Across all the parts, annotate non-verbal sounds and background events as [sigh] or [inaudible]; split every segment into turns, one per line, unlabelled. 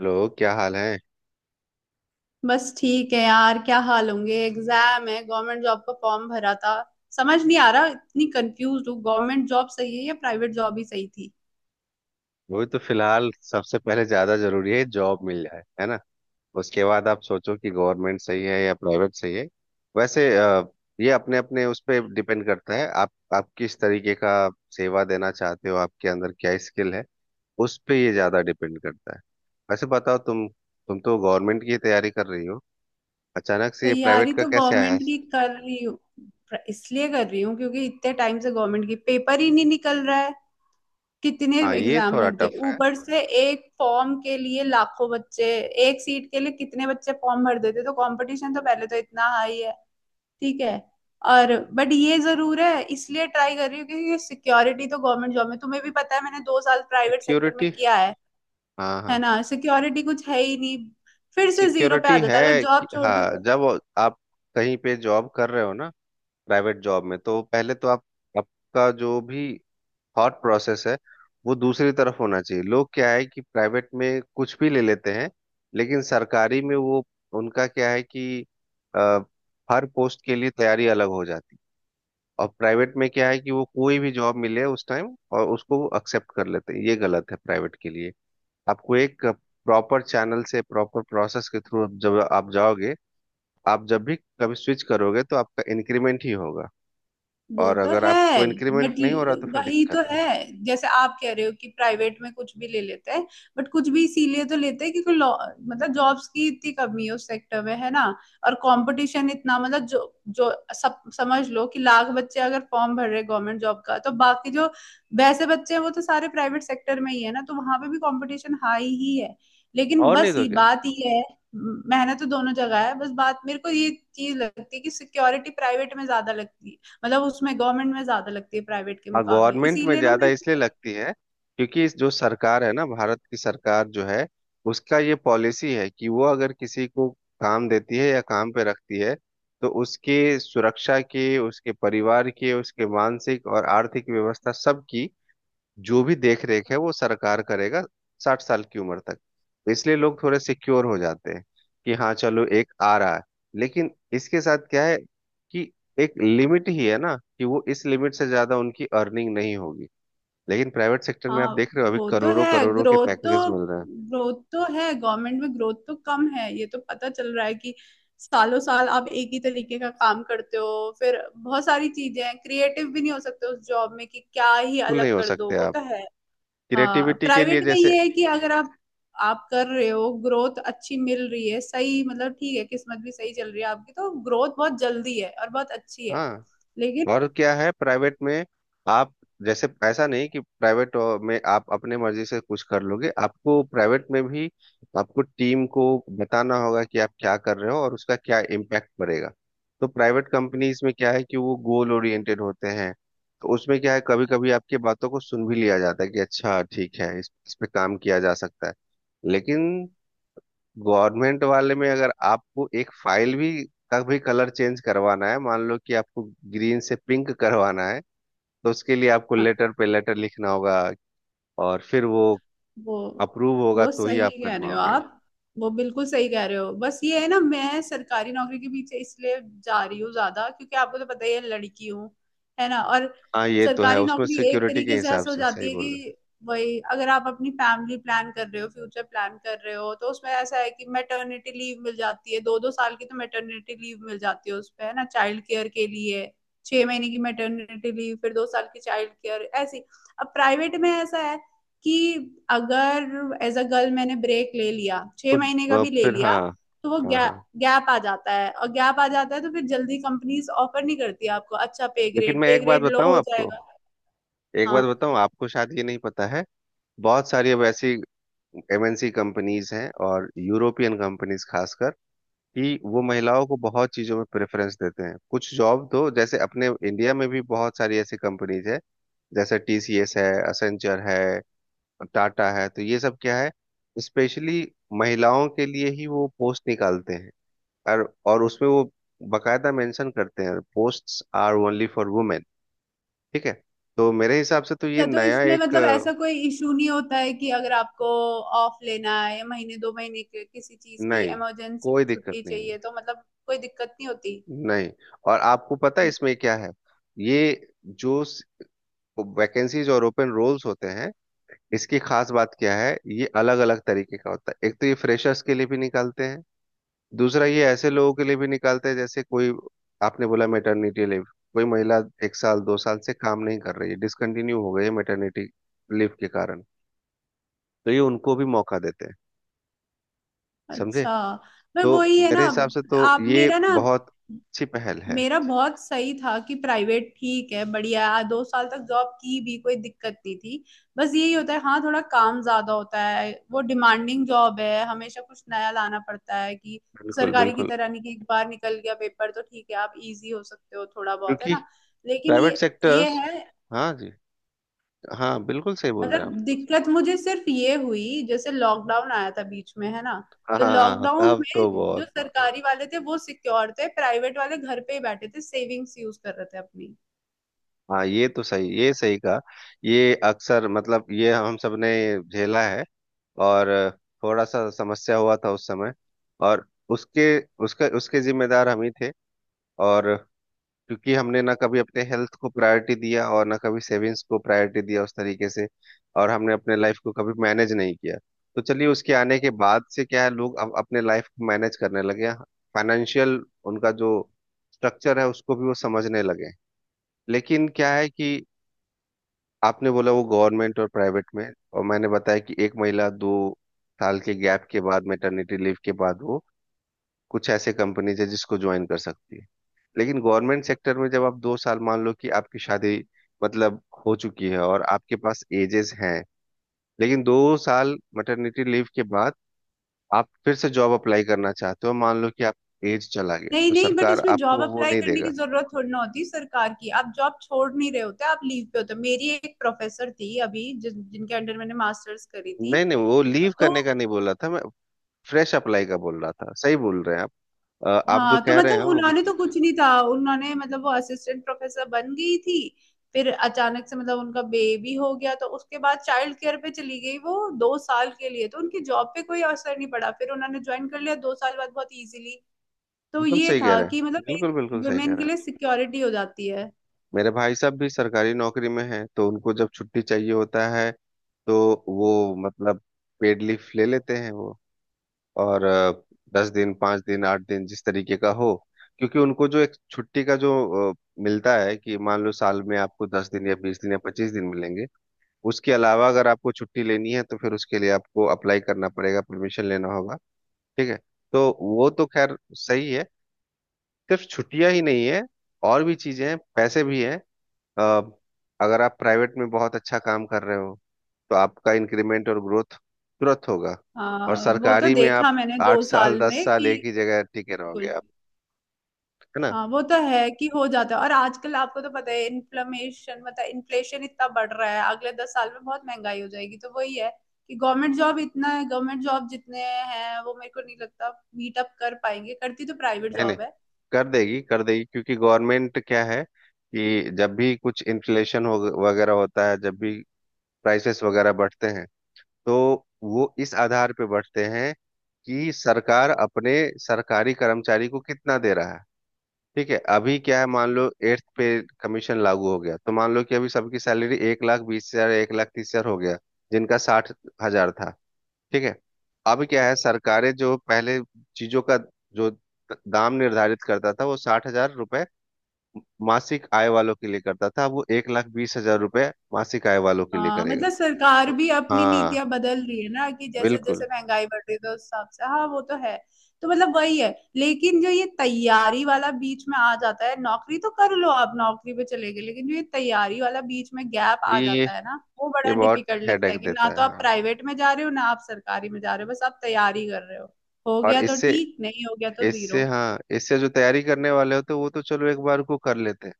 लोग क्या हाल है।
बस ठीक है यार, क्या हाल होंगे। एग्जाम है, गवर्नमेंट जॉब का फॉर्म भरा था। समझ नहीं आ रहा, इतनी कंफ्यूज हूँ, गवर्नमेंट जॉब सही है या प्राइवेट जॉब ही सही थी।
वही तो फिलहाल सबसे पहले ज्यादा जरूरी है जॉब मिल जाए, है ना। उसके बाद आप सोचो कि गवर्नमेंट सही है या प्राइवेट सही है। वैसे ये अपने अपने उस पर डिपेंड करता है, आप किस तरीके का सेवा देना चाहते हो, आपके अंदर क्या स्किल है। उस पे ये ज्यादा डिपेंड करता है। वैसे बताओ, तुम तो गवर्नमेंट की तैयारी कर रही हो, अचानक से ये
तैयारी
प्राइवेट का
तो
कैसे आया।
गवर्नमेंट की कर रही हूँ, इसलिए कर रही हूँ क्योंकि इतने टाइम से गवर्नमेंट की पेपर ही नहीं निकल रहा है। कितने
हाँ ये
एग्जाम
थोड़ा
भर दिए
टफ है।
ऊपर से। एक फॉर्म के लिए लाखों बच्चे, एक सीट के लिए कितने बच्चे फॉर्म भर देते, तो कंपटीशन तो पहले तो इतना हाई है। ठीक है। और बट ये जरूर है, इसलिए ट्राई कर रही हूँ क्योंकि सिक्योरिटी तो गवर्नमेंट जॉब में, तुम्हें भी पता है, मैंने 2 साल प्राइवेट सेक्टर में
सिक्योरिटी।
किया है।
हाँ
है
हाँ।
ना, सिक्योरिटी कुछ है ही नहीं। फिर से जीरो पे आ
सिक्योरिटी
जाता है अगर
है
जॉब
कि
छोड़ दी
हाँ,
तो।
जब आप कहीं पे जॉब कर रहे हो ना, प्राइवेट जॉब में तो पहले तो आप, आपका जो भी थॉट प्रोसेस है वो दूसरी तरफ होना चाहिए। लोग क्या है कि प्राइवेट में कुछ भी ले लेते हैं, लेकिन सरकारी में वो, उनका क्या है कि अ, हर पोस्ट के लिए तैयारी अलग हो जाती है। और प्राइवेट में क्या है कि वो कोई भी जॉब मिले उस टाइम, और उसको एक्सेप्ट कर लेते हैं, ये गलत है प्राइवेट के लिए। आपको एक प्रॉपर चैनल से, प्रॉपर प्रोसेस के थ्रू जब आप जाओगे, आप जब भी कभी स्विच करोगे तो आपका इंक्रीमेंट ही होगा।
वो
और
तो
अगर आपको
है।
इंक्रीमेंट
बट
नहीं हो रहा, तो फिर
वही तो
दिक्कत है।
है, जैसे आप कह रहे हो कि प्राइवेट में कुछ भी ले लेते हैं। बट कुछ भी इसीलिए तो लेते हैं क्योंकि मतलब जॉब्स की इतनी कमी है उस सेक्टर में, है ना। और कंपटीशन इतना, मतलब जो जो सब समझ लो कि लाख बच्चे अगर फॉर्म भर रहे गवर्नमेंट जॉब का, तो बाकी जो वैसे बच्चे हैं वो तो सारे प्राइवेट सेक्टर में ही है ना, तो वहां पे भी कंपटीशन हाई ही है। लेकिन
और नहीं
बस
तो
ये
क्या।
बात ये है, मेहनत तो दोनों जगह है। बस बात मेरे को ये चीज लगती है कि सिक्योरिटी प्राइवेट में ज्यादा लगती है, मतलब उसमें गवर्नमेंट में ज्यादा लगती है प्राइवेट के
हाँ
मुकाबले,
गवर्नमेंट में
इसीलिए ना
ज्यादा
मेरे
इसलिए
को।
लगती है, क्योंकि इस जो सरकार है ना, भारत की सरकार जो है, उसका ये पॉलिसी है कि वो अगर किसी को काम देती है या काम पे रखती है, तो उसके सुरक्षा के, उसके परिवार के, उसके मानसिक और आर्थिक व्यवस्था सबकी जो भी देख रेख है वो सरकार करेगा, 60 साल की उम्र तक। तो इसलिए लोग थोड़े सिक्योर हो जाते हैं कि हाँ चलो एक आ रहा है। लेकिन इसके साथ क्या है कि एक लिमिट ही है ना, कि वो इस लिमिट से ज्यादा उनकी अर्निंग नहीं होगी। लेकिन प्राइवेट सेक्टर में
हाँ
आप देख रहे हो, अभी
वो तो
करोड़ों
है,
करोड़ों के
ग्रोथ
पैकेजेस
तो,
मिल रहे हैं।
ग्रोथ तो है, गवर्नमेंट में ग्रोथ तो कम है। ये तो पता चल रहा है कि सालों साल आप एक ही तरीके का काम करते हो। फिर बहुत सारी चीजें हैं, क्रिएटिव भी नहीं हो सकते उस जॉब में कि क्या ही
कुल नहीं
अलग
हो
कर दो,
सकते
वो
आप,
तो है। हाँ,
क्रिएटिविटी के लिए
प्राइवेट में
जैसे।
ये है कि अगर आप कर रहे हो, ग्रोथ अच्छी मिल रही है, सही, मतलब ठीक है, किस्मत भी सही चल रही है आपकी, तो ग्रोथ बहुत जल्दी है और बहुत अच्छी है।
हाँ,
लेकिन
और क्या है प्राइवेट में, आप जैसे ऐसा नहीं कि प्राइवेट में आप अपने मर्जी से कुछ कर लोगे। आपको प्राइवेट में भी, आपको टीम को बताना होगा कि आप क्या कर रहे हो और उसका क्या इम्पैक्ट पड़ेगा। तो प्राइवेट कंपनीज में क्या है कि वो गोल ओरिएंटेड होते हैं। तो उसमें क्या है, कभी कभी आपकी बातों को सुन भी लिया जाता है कि अच्छा ठीक है, इस पे काम किया जा सकता है। लेकिन गवर्नमेंट वाले में अगर आपको एक फाइल भी का भी कलर चेंज करवाना है, मान लो कि आपको ग्रीन से पिंक करवाना है, तो उसके लिए आपको
हाँ,
लेटर पे लेटर लिखना होगा। और फिर वो
वो
अप्रूव होगा
वो
तो ही
सही
आप कर
कह रहे हो
पाओगे।
आप, वो बिल्कुल सही कह रहे हो। बस ये है ना, मैं सरकारी नौकरी के पीछे इसलिए जा रही हूँ ज्यादा क्योंकि आपको तो पता ही है, लड़की हूँ, है ना। और
हाँ ये तो है,
सरकारी
उसमें
नौकरी एक
सिक्योरिटी के
तरीके से
हिसाब
ऐसा हो
से सही
जाती है
बोल रहे
कि वही अगर आप अपनी फैमिली प्लान कर रहे हो, फ्यूचर प्लान कर रहे हो, तो उसमें ऐसा है कि मैटरनिटी लीव मिल जाती है, 2-2 साल की तो मैटरनिटी लीव मिल जाती है उसपे, है ना, चाइल्ड केयर के लिए। 6 महीने की मैटरनिटी लीव, फिर 2 साल की चाइल्ड केयर ऐसी। अब प्राइवेट में ऐसा है कि अगर एज अ गर्ल मैंने ब्रेक ले लिया, छह
हो।
महीने का
तो,
भी ले
फिर
लिया,
हाँ।
तो वो
हाँ
गैप
हाँ,
गैप आ जाता है, और गैप आ जाता है तो फिर जल्दी कंपनीज ऑफर नहीं करती आपको, अच्छा पे
लेकिन
ग्रेड
मैं
पे
एक बात
ग्रेड लो
बताऊं
हो
आपको,
जाएगा।
एक बात
हाँ
बताऊं आपको, शायद ये नहीं पता है। बहुत सारी अब ऐसी एमएनसी कंपनीज हैं और यूरोपियन कंपनीज खासकर, कि वो महिलाओं को बहुत चीजों में प्रेफरेंस देते हैं। कुछ जॉब तो जैसे अपने इंडिया में भी बहुत सारी ऐसी कंपनीज है, जैसे टीसीएस है, असेंचर है, टाटा है। तो ये सब क्या है, स्पेशली महिलाओं के लिए ही वो पोस्ट निकालते हैं। और उसमें वो बकायदा मेंशन करते हैं, posts are only for women. ठीक है। तो मेरे हिसाब से तो ये
अच्छा, तो
नया
इसमें
एक
मतलब ऐसा कोई इशू नहीं होता है कि अगर आपको ऑफ लेना है या महीने दो महीने के किसी चीज की
नहीं,
इमरजेंसी
कोई दिक्कत
छुट्टी
नहीं।
चाहिए, तो मतलब कोई दिक्कत नहीं होती।
नहीं। और आपको पता है इसमें क्या है, ये जो वैकेंसीज और ओपन रोल्स होते हैं, इसकी खास बात क्या है, ये अलग अलग तरीके का होता है। एक तो ये फ्रेशर्स के लिए भी निकालते हैं, दूसरा ये ऐसे लोगों के लिए भी निकालते हैं जैसे कोई, आपने बोला मेटर्निटी लीव, कोई महिला एक साल दो साल से काम नहीं कर रही है, डिसकंटिन्यू हो गई है मेटर्निटी लीव के कारण, तो ये उनको भी मौका देते हैं। समझे।
अच्छा, पर
तो
वही है ना,
मेरे हिसाब से तो
आप
ये
मेरा ना,
बहुत अच्छी पहल है।
मेरा बहुत सही था कि प्राइवेट ठीक है, बढ़िया है, 2 साल तक जॉब की भी कोई दिक्कत नहीं थी। बस यही होता है, हाँ थोड़ा काम ज्यादा होता है, वो डिमांडिंग जॉब है, हमेशा कुछ नया लाना पड़ता है, कि
बिल्कुल
सरकारी की
बिल्कुल,
तरह नहीं कि एक बार निकल गया पेपर तो ठीक है आप इजी हो सकते हो थोड़ा बहुत, है
क्योंकि
ना। लेकिन
प्राइवेट
ये
सेक्टर्स,
है,
हाँ जी। हाँ बिल्कुल सही बोल रहे
मतलब
हैं आप।
दिक्कत मुझे सिर्फ ये हुई, जैसे लॉकडाउन आया था बीच में, है ना। तो
हाँ
लॉकडाउन
तब तो
में जो
बहुत
सरकारी
बहुत।
वाले थे वो सिक्योर थे, प्राइवेट वाले घर पे ही बैठे थे, सेविंग्स यूज कर रहे थे अपनी।
हाँ ये तो सही, ये सही कहा। ये अक्सर मतलब ये हम सब ने झेला है। और थोड़ा सा समस्या हुआ था उस समय। और उसके, उसका, उसके जिम्मेदार हम ही थे। और क्योंकि हमने ना कभी अपने हेल्थ को प्रायोरिटी दिया और ना कभी सेविंग्स को प्रायोरिटी दिया उस तरीके से। और हमने अपने लाइफ को कभी मैनेज नहीं किया। तो चलिए उसके आने के बाद से क्या है, लोग अब अपने लाइफ को मैनेज करने लगे। फाइनेंशियल उनका जो स्ट्रक्चर है उसको भी वो समझने लगे। लेकिन क्या है कि आपने बोला वो गवर्नमेंट और प्राइवेट में, और मैंने बताया कि एक महिला 2 साल के गैप के बाद, मेटर्निटी लीव के बाद, वो कुछ ऐसे कंपनीज है जिसको ज्वाइन कर सकती है। लेकिन गवर्नमेंट सेक्टर में जब आप 2 साल, मान लो कि आपकी शादी मतलब हो चुकी है और आपके पास एजेस हैं, लेकिन 2 साल मैटरनिटी लीव के बाद आप फिर से जॉब अप्लाई करना चाहते हो, मान लो कि आप एज चला गया
नहीं
तो
नहीं, बट
सरकार
उसमें जॉब
आपको वो
अप्लाई
नहीं
करने की
देगा।
जरूरत थोड़ी ना होती सरकार की, आप जॉब छोड़ नहीं रहे होते, आप लीव पे होते हो। मेरी एक प्रोफेसर थी अभी जिस जिनके अंडर मैंने मास्टर्स करी थी।
नहीं नहीं, वो लीव
तो
करने का नहीं बोल रहा था मैं, फ्रेश अप्लाई का बोल रहा था। सही बोल रहे हैं आप। आप जो
हाँ, तो
कह रहे हैं
मतलब
वो भी
उन्होंने तो
ठीक ही
कुछ
है।
नहीं था, उन्होंने मतलब वो असिस्टेंट प्रोफेसर बन गई थी, फिर अचानक से मतलब उनका बेबी हो गया, तो उसके बाद चाइल्ड केयर पे चली गई वो 2 साल के लिए, तो उनकी जॉब पे कोई असर नहीं पड़ा, फिर उन्होंने ज्वाइन कर लिया 2 साल बाद बहुत इजीली। तो
एकदम
ये
सही कह
था
रहे हैं,
कि मतलब एक
बिल्कुल बिल्कुल सही कह
वुमेन
रहे
के लिए
हैं।
सिक्योरिटी हो जाती है।
मेरे भाई साहब भी सरकारी नौकरी में हैं, तो उनको जब छुट्टी चाहिए होता है तो वो मतलब पेड लीफ ले लेते हैं वो। और 10 दिन, 5 दिन, 8 दिन, जिस तरीके का हो। क्योंकि उनको जो एक छुट्टी का जो अ, मिलता है कि मान लो साल में आपको 10 दिन या 20 दिन या 25 दिन मिलेंगे। उसके अलावा अगर आपको छुट्टी लेनी है तो फिर उसके लिए आपको अप्लाई करना पड़ेगा, परमिशन लेना होगा। ठीक है, तो वो तो खैर सही है। सिर्फ छुट्टियां ही नहीं है, और भी चीजें हैं, पैसे भी हैं। अ, अगर आप प्राइवेट में बहुत अच्छा काम कर रहे हो, तो आपका इंक्रीमेंट और ग्रोथ तुरंत होगा। और
हाँ वो तो
सरकारी में आप
देखा मैंने
आठ
दो
साल
साल
दस
में,
साल
कि
एक ही जगह टिके रहोगे
बिल्कुल।
आप, है ना।
हाँ वो तो है कि हो जाता है, और आजकल आपको तो पता है इन्फ्लेमेशन, मतलब इन्फ्लेशन इतना बढ़ रहा है, अगले 10 साल में बहुत महंगाई हो जाएगी, तो वही है कि गवर्नमेंट जॉब इतना है, गवर्नमेंट जॉब जितने हैं वो मेरे को नहीं लगता मीट अप कर पाएंगे, करती तो प्राइवेट
है नहीं,
जॉब है।
कर देगी कर देगी, क्योंकि गवर्नमेंट क्या है कि जब भी कुछ इन्फ्लेशन हो वगैरह होता है, जब भी प्राइसेस वगैरह बढ़ते हैं, तो वो इस आधार पे बढ़ते हैं कि सरकार अपने सरकारी कर्मचारी को कितना दे रहा है। ठीक है, अभी क्या है, मान लो 8th पे कमीशन लागू हो गया, तो मान लो कि अभी सबकी सैलरी 1,20,000, 1,30,000 हो गया, जिनका 60,000 था। ठीक है, अब क्या है, सरकारें जो पहले चीजों का जो दाम निर्धारित करता था, वो ₹60,000 मासिक आय वालों के लिए करता था, अब वो ₹1,20,000 मासिक आय वालों के लिए
हाँ
करेगा।
मतलब सरकार
तो
भी अपनी
हाँ,
नीतियां बदल रही है ना, कि जैसे जैसे
बिल्कुल।
महंगाई बढ़ रही है तो उस हिसाब से, हाँ वो तो है। तो मतलब वही है, लेकिन जो ये तैयारी वाला बीच में आ जाता है, नौकरी तो कर लो, आप नौकरी पे चले गए, लेकिन जो ये तैयारी वाला बीच में गैप आ
ये
जाता है ना, वो
ये
बड़ा
बहुत
डिफिकल्ट लगता
हेडेक
है कि ना
देता है,
तो आप
हाँ।
प्राइवेट में जा रहे हो, ना आप सरकारी में जा रहे हो, बस आप तैयारी कर रहे हो
और
गया तो
इससे,
ठीक, नहीं हो गया तो
इससे,
जीरो।
हाँ, इससे जो तैयारी करने वाले होते हैं वो तो चलो एक बार को कर लेते हैं।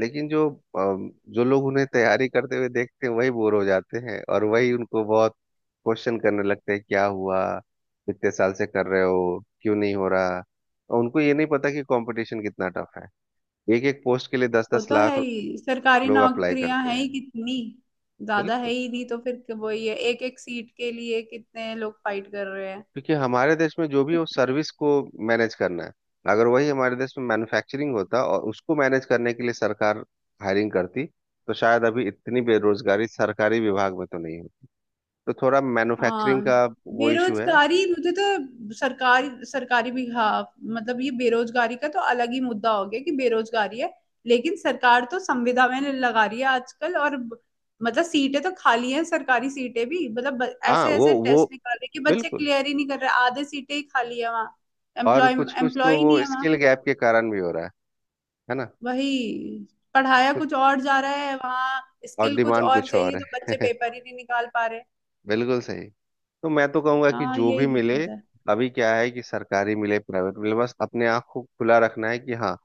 लेकिन जो जो लोग उन्हें तैयारी करते हुए देखते हैं वही बोर हो जाते हैं, और वही उनको बहुत क्वेश्चन करने लगते हैं क्या हुआ, कितने साल से कर रहे हो, क्यों नहीं हो रहा। और उनको ये नहीं पता कि कंपटीशन कितना टफ है, एक एक पोस्ट के लिए दस
वो
दस
तो है
लाख
ही, सरकारी
लोग अप्लाई
नौकरियां
करते
हैं
हैं।
ही कितनी, ज्यादा है
बिल्कुल,
ही नहीं, तो फिर वो ये एक एक सीट के लिए कितने लोग फाइट कर रहे हैं।
क्योंकि हमारे देश में जो भी हो सर्विस को मैनेज करना है। अगर वही हमारे देश में मैन्युफैक्चरिंग होता, और उसको मैनेज करने के लिए सरकार हायरिंग करती, तो शायद अभी इतनी बेरोजगारी सरकारी विभाग में तो नहीं होती। तो थोड़ा
हाँ
मैन्युफैक्चरिंग का वो इशू है।
बेरोजगारी, मुझे तो सरकारी सरकारी भी, हाँ, मतलब ये बेरोजगारी का तो अलग ही मुद्दा हो गया कि बेरोजगारी है, लेकिन सरकार तो संविदा में लगा रही है आजकल। और मतलब सीटें तो खाली हैं, सरकारी सीटें भी, मतलब
हाँ
ऐसे
वो
ऐसे
वो
टेस्ट निकाल रहे हैं कि बच्चे
बिल्कुल।
क्लियर ही नहीं कर रहे, आधे सीटें ही खाली है वहाँ।
और
एम्प्लॉय
कुछ कुछ
एम्प्लॉय
तो
ही नहीं
वो
है वहाँ,
स्किल गैप के कारण भी हो रहा है ना।
वही, पढ़ाया
तो,
कुछ और जा रहा है वहाँ,
और
स्किल कुछ
डिमांड
और
कुछ
चाहिए,
और
तो बच्चे
है।
पेपर ही नहीं निकाल पा रहे।
[laughs] बिल्कुल सही। तो मैं तो कहूंगा कि
हाँ
जो
यही
भी मिले,
दिक्कत है।
अभी क्या है कि सरकारी मिले प्राइवेट मिले, बस अपने आँख को खुला रखना है कि हाँ,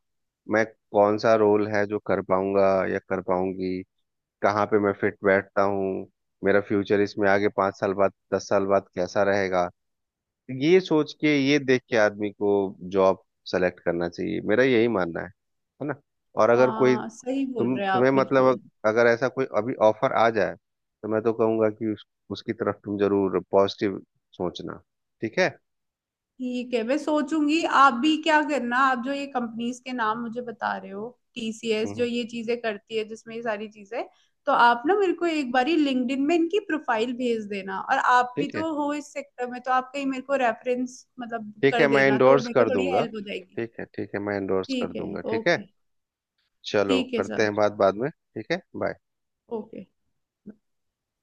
मैं कौन सा रोल है जो कर पाऊंगा या कर पाऊंगी, कहाँ पे मैं फिट बैठता हूँ, मेरा फ्यूचर इसमें आगे 5 साल बाद 10 साल बाद कैसा रहेगा। ये सोच के, ये देख के आदमी को जॉब सेलेक्ट करना चाहिए, मेरा यही मानना है ना। और अगर कोई,
हाँ सही बोल
तुम
रहे हैं
तुम्हें
आप,
मतलब
बिल्कुल।
अगर ऐसा कोई अभी ऑफर आ जाए, तो मैं तो कहूंगा कि उसकी तरफ तुम जरूर पॉजिटिव सोचना। ठीक है।
ठीक है मैं सोचूंगी, आप भी क्या करना, आप जो ये कंपनीज के नाम मुझे बता रहे हो, टीसीएस जो
हम्म।
ये चीजें करती है जिसमें ये सारी चीजें, तो आप ना मेरे को एक बारी लिंक्डइन में इनकी प्रोफाइल भेज देना, और आप भी
ठीक है,
तो हो इस सेक्टर में, तो आप कहीं मेरे को रेफरेंस, मतलब
ठीक है,
कर
मैं
देना, तो
इंडोर्स
मेरे को
कर
थोड़ी
दूंगा।
हेल्प हो जाएगी।
ठीक है, ठीक है, मैं इंडोर्स कर
ठीक है,
दूंगा। ठीक है।
ओके।
चलो
ठीक है
करते
सर,
हैं बात बाद में, ठीक है, बाय।
ओके।